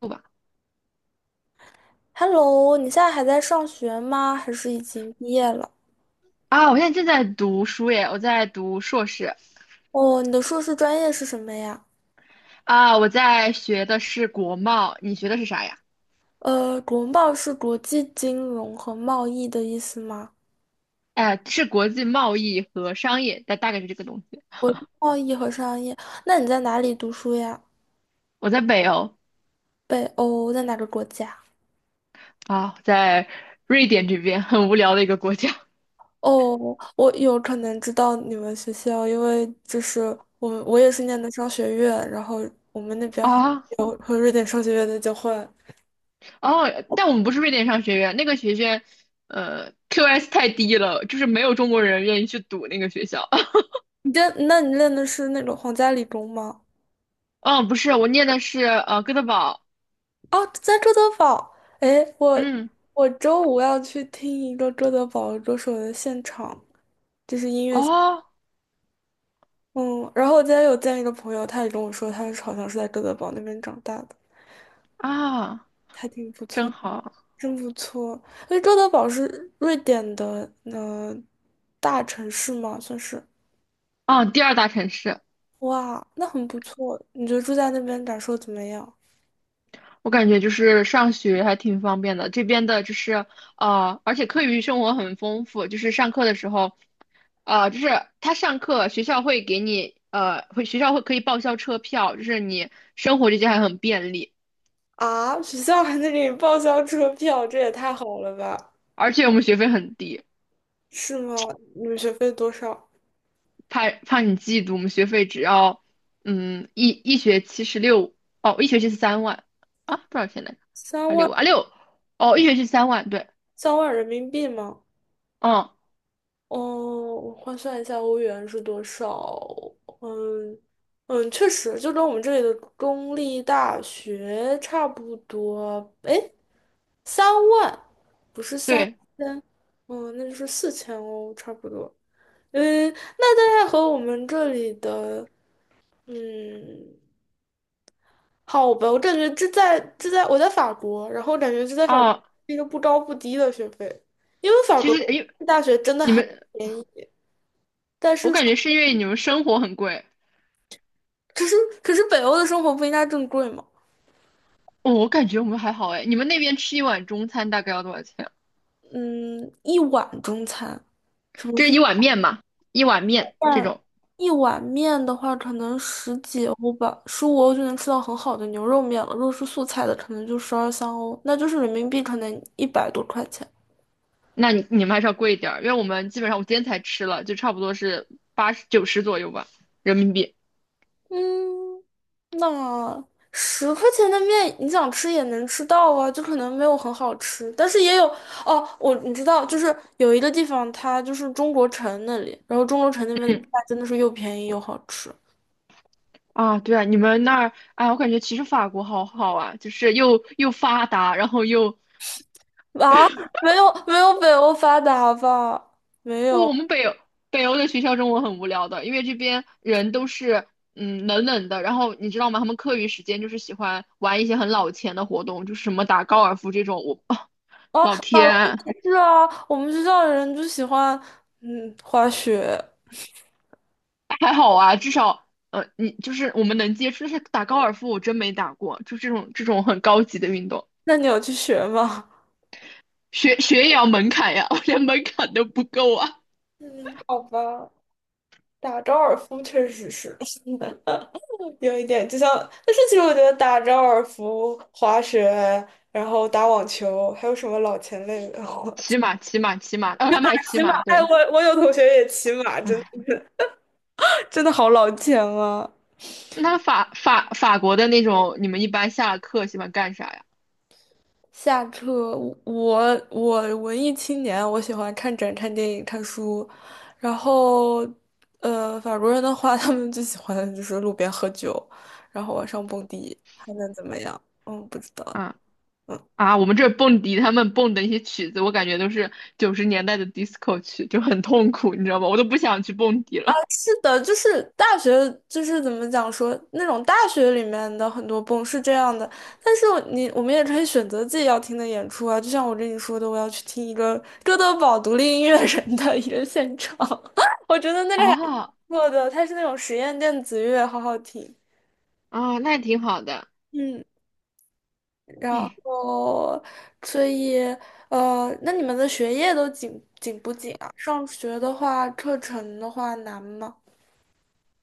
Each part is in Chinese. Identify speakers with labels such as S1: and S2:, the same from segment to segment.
S1: 不吧？
S2: Hello，你现在还在上学吗？还是已经毕业了？
S1: 啊，我现在正在读书耶，我在读硕士。
S2: 哦，你的硕士专业是什么呀？
S1: 啊，我在学的是国贸，你学的是啥呀？
S2: 国贸是国际金融和贸易的意思吗？
S1: 哎，是国际贸易和商业，大概是这个东西。
S2: 贸易和商业，那你在哪里读书呀？
S1: 我在北欧。
S2: 北欧，在哪个国家？
S1: 啊，在瑞典这边，很无聊的一个国家
S2: 哦，我有可能知道你们学校，因为就是我也是念的商学院，然后
S1: 啊。
S2: 有和瑞典商学院的交换。
S1: 哦，但我们不是瑞典商学院，那个学院，QS 太低了，就是没有中国人愿意去读那个学校。
S2: 那你念的是那个皇家理工吗？
S1: 嗯，不是，我念的是哥德堡。
S2: 哦，在周德堡，哎，我
S1: 嗯，
S2: 我周五要去听一个周德堡歌手的现场，就是音乐现
S1: 哦
S2: 嗯，然后我今天有见一个朋友，他也跟我说，好像是在周德堡那边长大的，
S1: 啊，
S2: 还挺不
S1: 真
S2: 错，
S1: 好。
S2: 真不错。因为周德堡是瑞典的，大城市嘛，算是，
S1: 啊，第二大城市。
S2: 哇，那很不错。你觉得住在那边感受怎么样？
S1: 我感觉就是上学还挺方便的，这边的就是而且课余生活很丰富，就是上课的时候，就是他上课学校会给你会学校会可以报销车票，就是你生活这些还很便利，
S2: 啊，学校还能给你报销车票，这也太好了吧？
S1: 而且我们学费很低。
S2: 是吗？你们学费多少？
S1: 怕怕你嫉妒，我们学费只要一学期是六。哦，一学期是三万。啊，多少钱来着？
S2: 三
S1: 还
S2: 万。
S1: 6万啊哦，一学期三万，对。
S2: 三万人民币吗？
S1: 嗯，
S2: 哦，我换算一下欧元是多少？嗯确实就跟我们这里的公立大学差不多。诶，三万，不是三
S1: 对
S2: 千，哦，那就是4000欧，差不多。嗯，那大概和我们这里的，嗯，好吧，我感觉这在这在我在法国，然后我感觉这在法国
S1: 啊，
S2: 是一个不高不低的学费，因为法
S1: 其
S2: 国
S1: 实因为
S2: 的大学真的
S1: 你
S2: 很。
S1: 们。
S2: 但
S1: 我
S2: 是
S1: 感觉是因为你们生活很贵。
S2: 可是可是北欧的生活不应该更贵吗？
S1: 哦，我感觉我们还好哎。你们那边吃一碗中餐大概要多少钱？
S2: 嗯，一碗中餐，什么
S1: 这是
S2: 鸡
S1: 一碗面嘛，一碗面这
S2: 蛋，
S1: 种。
S2: 一碗面的话，可能十几欧吧，15欧就能吃到很好的牛肉面了。如果是素菜的，可能就十二三欧，那就是人民币可能一百多块钱。
S1: 那你们还是要贵一点儿，因为我们基本上我今天才吃了，就差不多是八十九十左右吧，人民币。
S2: 嗯，那10块钱的面，你想吃也能吃到啊，就可能没有很好吃，但是也有哦。我你知道，就是有一个地方，它就是中国城那里，然后中国城那边的
S1: 嗯，
S2: 菜真的是又便宜又好吃。
S1: 啊，对啊，你们那儿，哎，我感觉其实法国好好啊，就是又发达，然后又
S2: 啊，没有没有北欧发达吧？没
S1: 不，
S2: 有
S1: 我们北欧的学校中文很无聊的，因为这边人都是冷冷的，然后你知道吗？他们课余时间就是喜欢玩一些很老钱的活动，就是什么打高尔夫这种。我、啊
S2: 啊，
S1: 老
S2: 法国
S1: 天。
S2: 也是啊，我们学校的人就喜欢滑雪，
S1: 还好啊，至少你就是我们能接触，但是打高尔夫我真没打过，就这种很高级的运动。
S2: 那你有去学吗？
S1: 学也要门槛呀，我连门槛都不够啊。
S2: 嗯，好吧，打高尔夫确实是 有一点，就像，但是其实我觉得打高尔夫、滑雪，然后打网球，还有什么老钱类的，
S1: 骑马，骑马，骑马，然后他们还骑
S2: 骑马，
S1: 马，
S2: 哎，
S1: 对。
S2: 我有同学也骑马，
S1: 唉，
S2: 真的真的好老钱啊。
S1: 那法国的那种，你们一般下了课喜欢干啥呀？
S2: 下课，我文艺青年，我喜欢看展、看电影、看书，然后，法国人的话，他们最喜欢的就是路边喝酒，然后晚上蹦迪，还能怎么样？嗯，不知道。
S1: 啊？
S2: 嗯，
S1: 啊，我们这儿蹦迪他们蹦的那些曲子，我感觉都是90年代的 disco 曲，就很痛苦，你知道吗？我都不想去蹦迪了。
S2: 是的，就是大学，就是怎么讲说，那种大学里面的很多蹦是这样的，但是我们也可以选择自己要听的演出啊，就像我跟你说的，我要去听一个哥德堡独立音乐人的一个现场。我觉得那 个还。
S1: 哦，
S2: 做的，它是那种实验电子乐，好好听。
S1: 哦，那挺好的。
S2: 嗯，然
S1: 哎。
S2: 后所以那你们的学业都紧不紧啊？上学的话，课程的话难吗？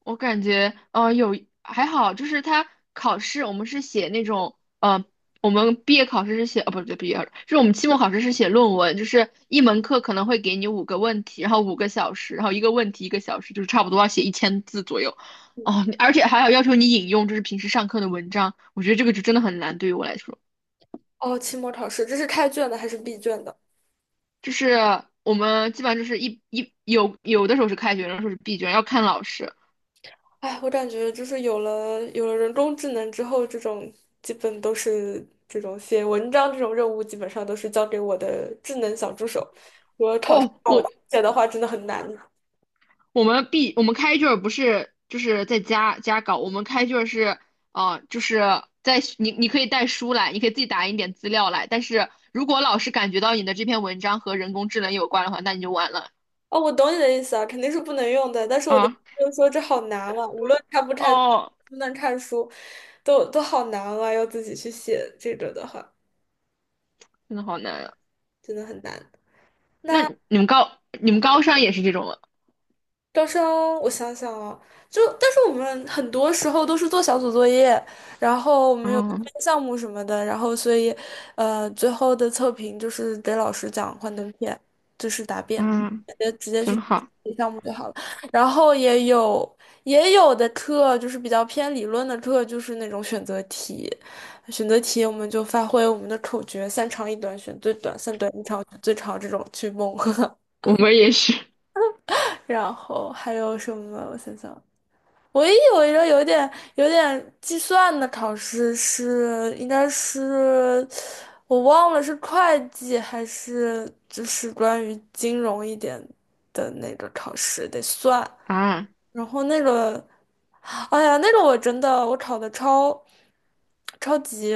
S1: 我感觉，还好，就是他考试，我们是写那种，我们毕业考试是写，哦，不对，毕业考试就是我们期末考试是写论文，就是一门课可能会给你5个问题，然后5个小时，然后一个问题一个小时，就是差不多要写1000字左右。哦，而且还要要求你引用，就是平时上课的文章，我觉得这个就真的很难，对于我来说，
S2: 哦，期末考试，这是开卷的还是闭卷的？
S1: 就是我们基本上就是有的时候是开卷，有的时候是闭卷，要看老师。
S2: 哎，我感觉就是有了人工智能之后，这种基本都是这种写文章这种任务，基本上都是交给我的智能小助手。我考试
S1: 哦，
S2: 让我
S1: 我
S2: 写的话，真的很难。
S1: 我们毕我们开卷儿不是就是在家搞，我们开卷儿是就是在你可以带书来，你可以自己打印点资料来，但是如果老师感觉到你的这篇文章和人工智能有关的话，那你就完了。
S2: 哦，我懂你的意思啊，肯定是不能用的。但是我的意
S1: 啊！
S2: 思就是说，这好难啊，无论看不看能
S1: 哦，
S2: 不能看书，都好难啊，要自己去写这个的话，
S1: 真的好难啊！
S2: 真的很难。
S1: 那
S2: 那
S1: 你们高三也是这种吗？
S2: 招生，我想想啊，就但是我们很多时候都是做小组作业，然后我们有
S1: 哦，
S2: 项目什么的，然后所以，最后的测评就是给老师讲幻灯片，就是答辩，
S1: 嗯，
S2: 直接去
S1: 真好，
S2: 项目就好了。然后也有的课就是比较偏理论的课，就是那种选择题，选择题我们就发挥我们的口诀，三长一短选最短，三短一长选最长这种去蒙。
S1: 我们也是
S2: 然后还有什么？我想想。唯一有一个有点计算的考试是，应该是我忘了是会计还是就是关于金融一点的那个考试，得算。
S1: 啊
S2: 然后那个，哎呀，那个我真的我考的超级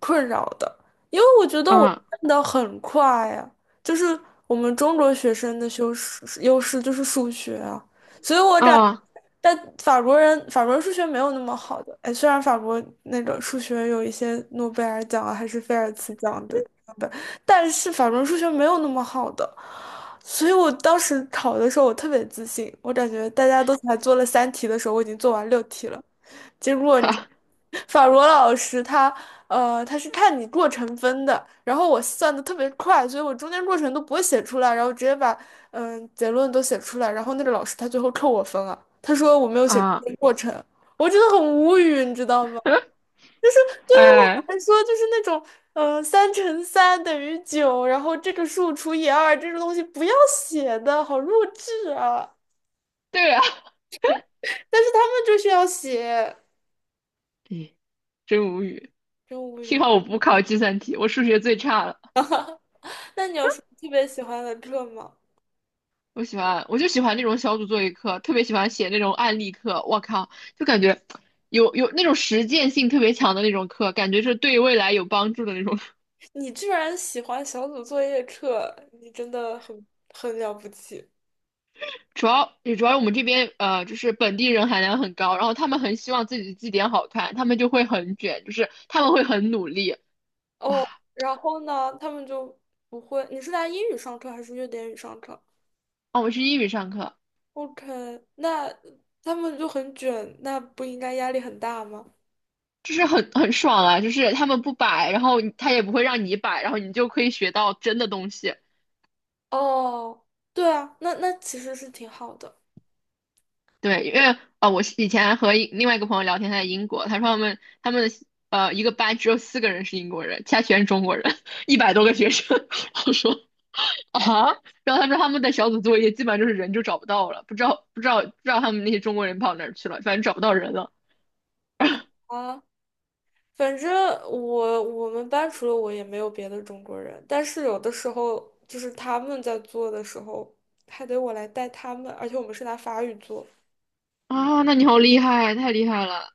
S2: 困扰的，因为我觉得我
S1: 啊
S2: 变的很快呀，就是我们中国学生的优势就是数学啊，所以我感
S1: 啊
S2: 但法国人数学没有那么好的，哎，虽然法国那个数学有一些诺贝尔奖啊，还是菲尔兹奖的，但是法国人数学没有那么好的。所以我当时考的时候，我特别自信，我感觉大家都才做了3题的时候，我已经做完6题了。结果你知道
S1: 哈
S2: 法罗老师他他是看你过程分的，然后我算的特别快，所以我中间过程都不会写出来，然后直接把嗯、结论都写出来，然后那个老师他最后扣我分了，他说我没有写出
S1: 啊！
S2: 过程，我真的很无语，你知道吗？就是对是我
S1: 哎，
S2: 来说就是那种嗯，三乘三等于九，然后这个数除以二这种东西不要写的，好弱智啊！
S1: 对啊，
S2: 但是他们就是要写，
S1: 哎真无语。
S2: 真无
S1: 幸
S2: 语。
S1: 好我不考计算题，我数学最差了。
S2: 那你有什么特别喜欢的课吗？
S1: 我喜欢，我就喜欢那种小组作业课，特别喜欢写那种案例课。我靠，就感觉有那种实践性特别强的那种课，感觉是对未来有帮助的那种。
S2: 你居然喜欢小组作业课，你真的很很了不起
S1: 主要我们这边就是本地人含量很高，然后他们很希望自己的字典好看，他们就会很卷，就是他们会很努力。
S2: 哦。
S1: 哇，
S2: 然后呢，他们就不会。你是拿英语上课还是瑞典语上课
S1: 哦，我是英语上课，
S2: ？OK，那他们就很卷，那不应该压力很大吗？
S1: 就是很爽啊，就是他们不摆，然后他也不会让你摆，然后你就可以学到真的东西。
S2: 哦，对啊，那其实是挺好的
S1: 对，因为我是以前和另外一个朋友聊天，他在英国，他说他们的一个班只有4个人是英国人，其他全是中国人，100多个学生。我说啊，然后他说他们的小组作业基本上就是人就找不到了，不知道他们那些中国人跑哪儿去了，反正找不到人了。
S2: 啊。反正我们班除了我也没有别的中国人，但是有的时候就是他们在做的时候，还得我来带他们，而且我们是拿法语做，
S1: 啊，那你好厉害，太厉害了。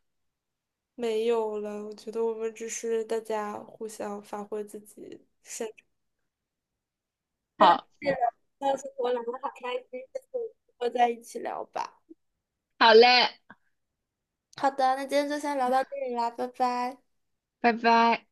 S2: 没有了。我觉得我们只是大家互相发挥自己擅长。
S1: 好，
S2: 那生活聊得好开心，下次我们再一起聊吧。
S1: 好嘞，
S2: 好的，那今天就先聊到这里啦，拜拜。
S1: 拜拜。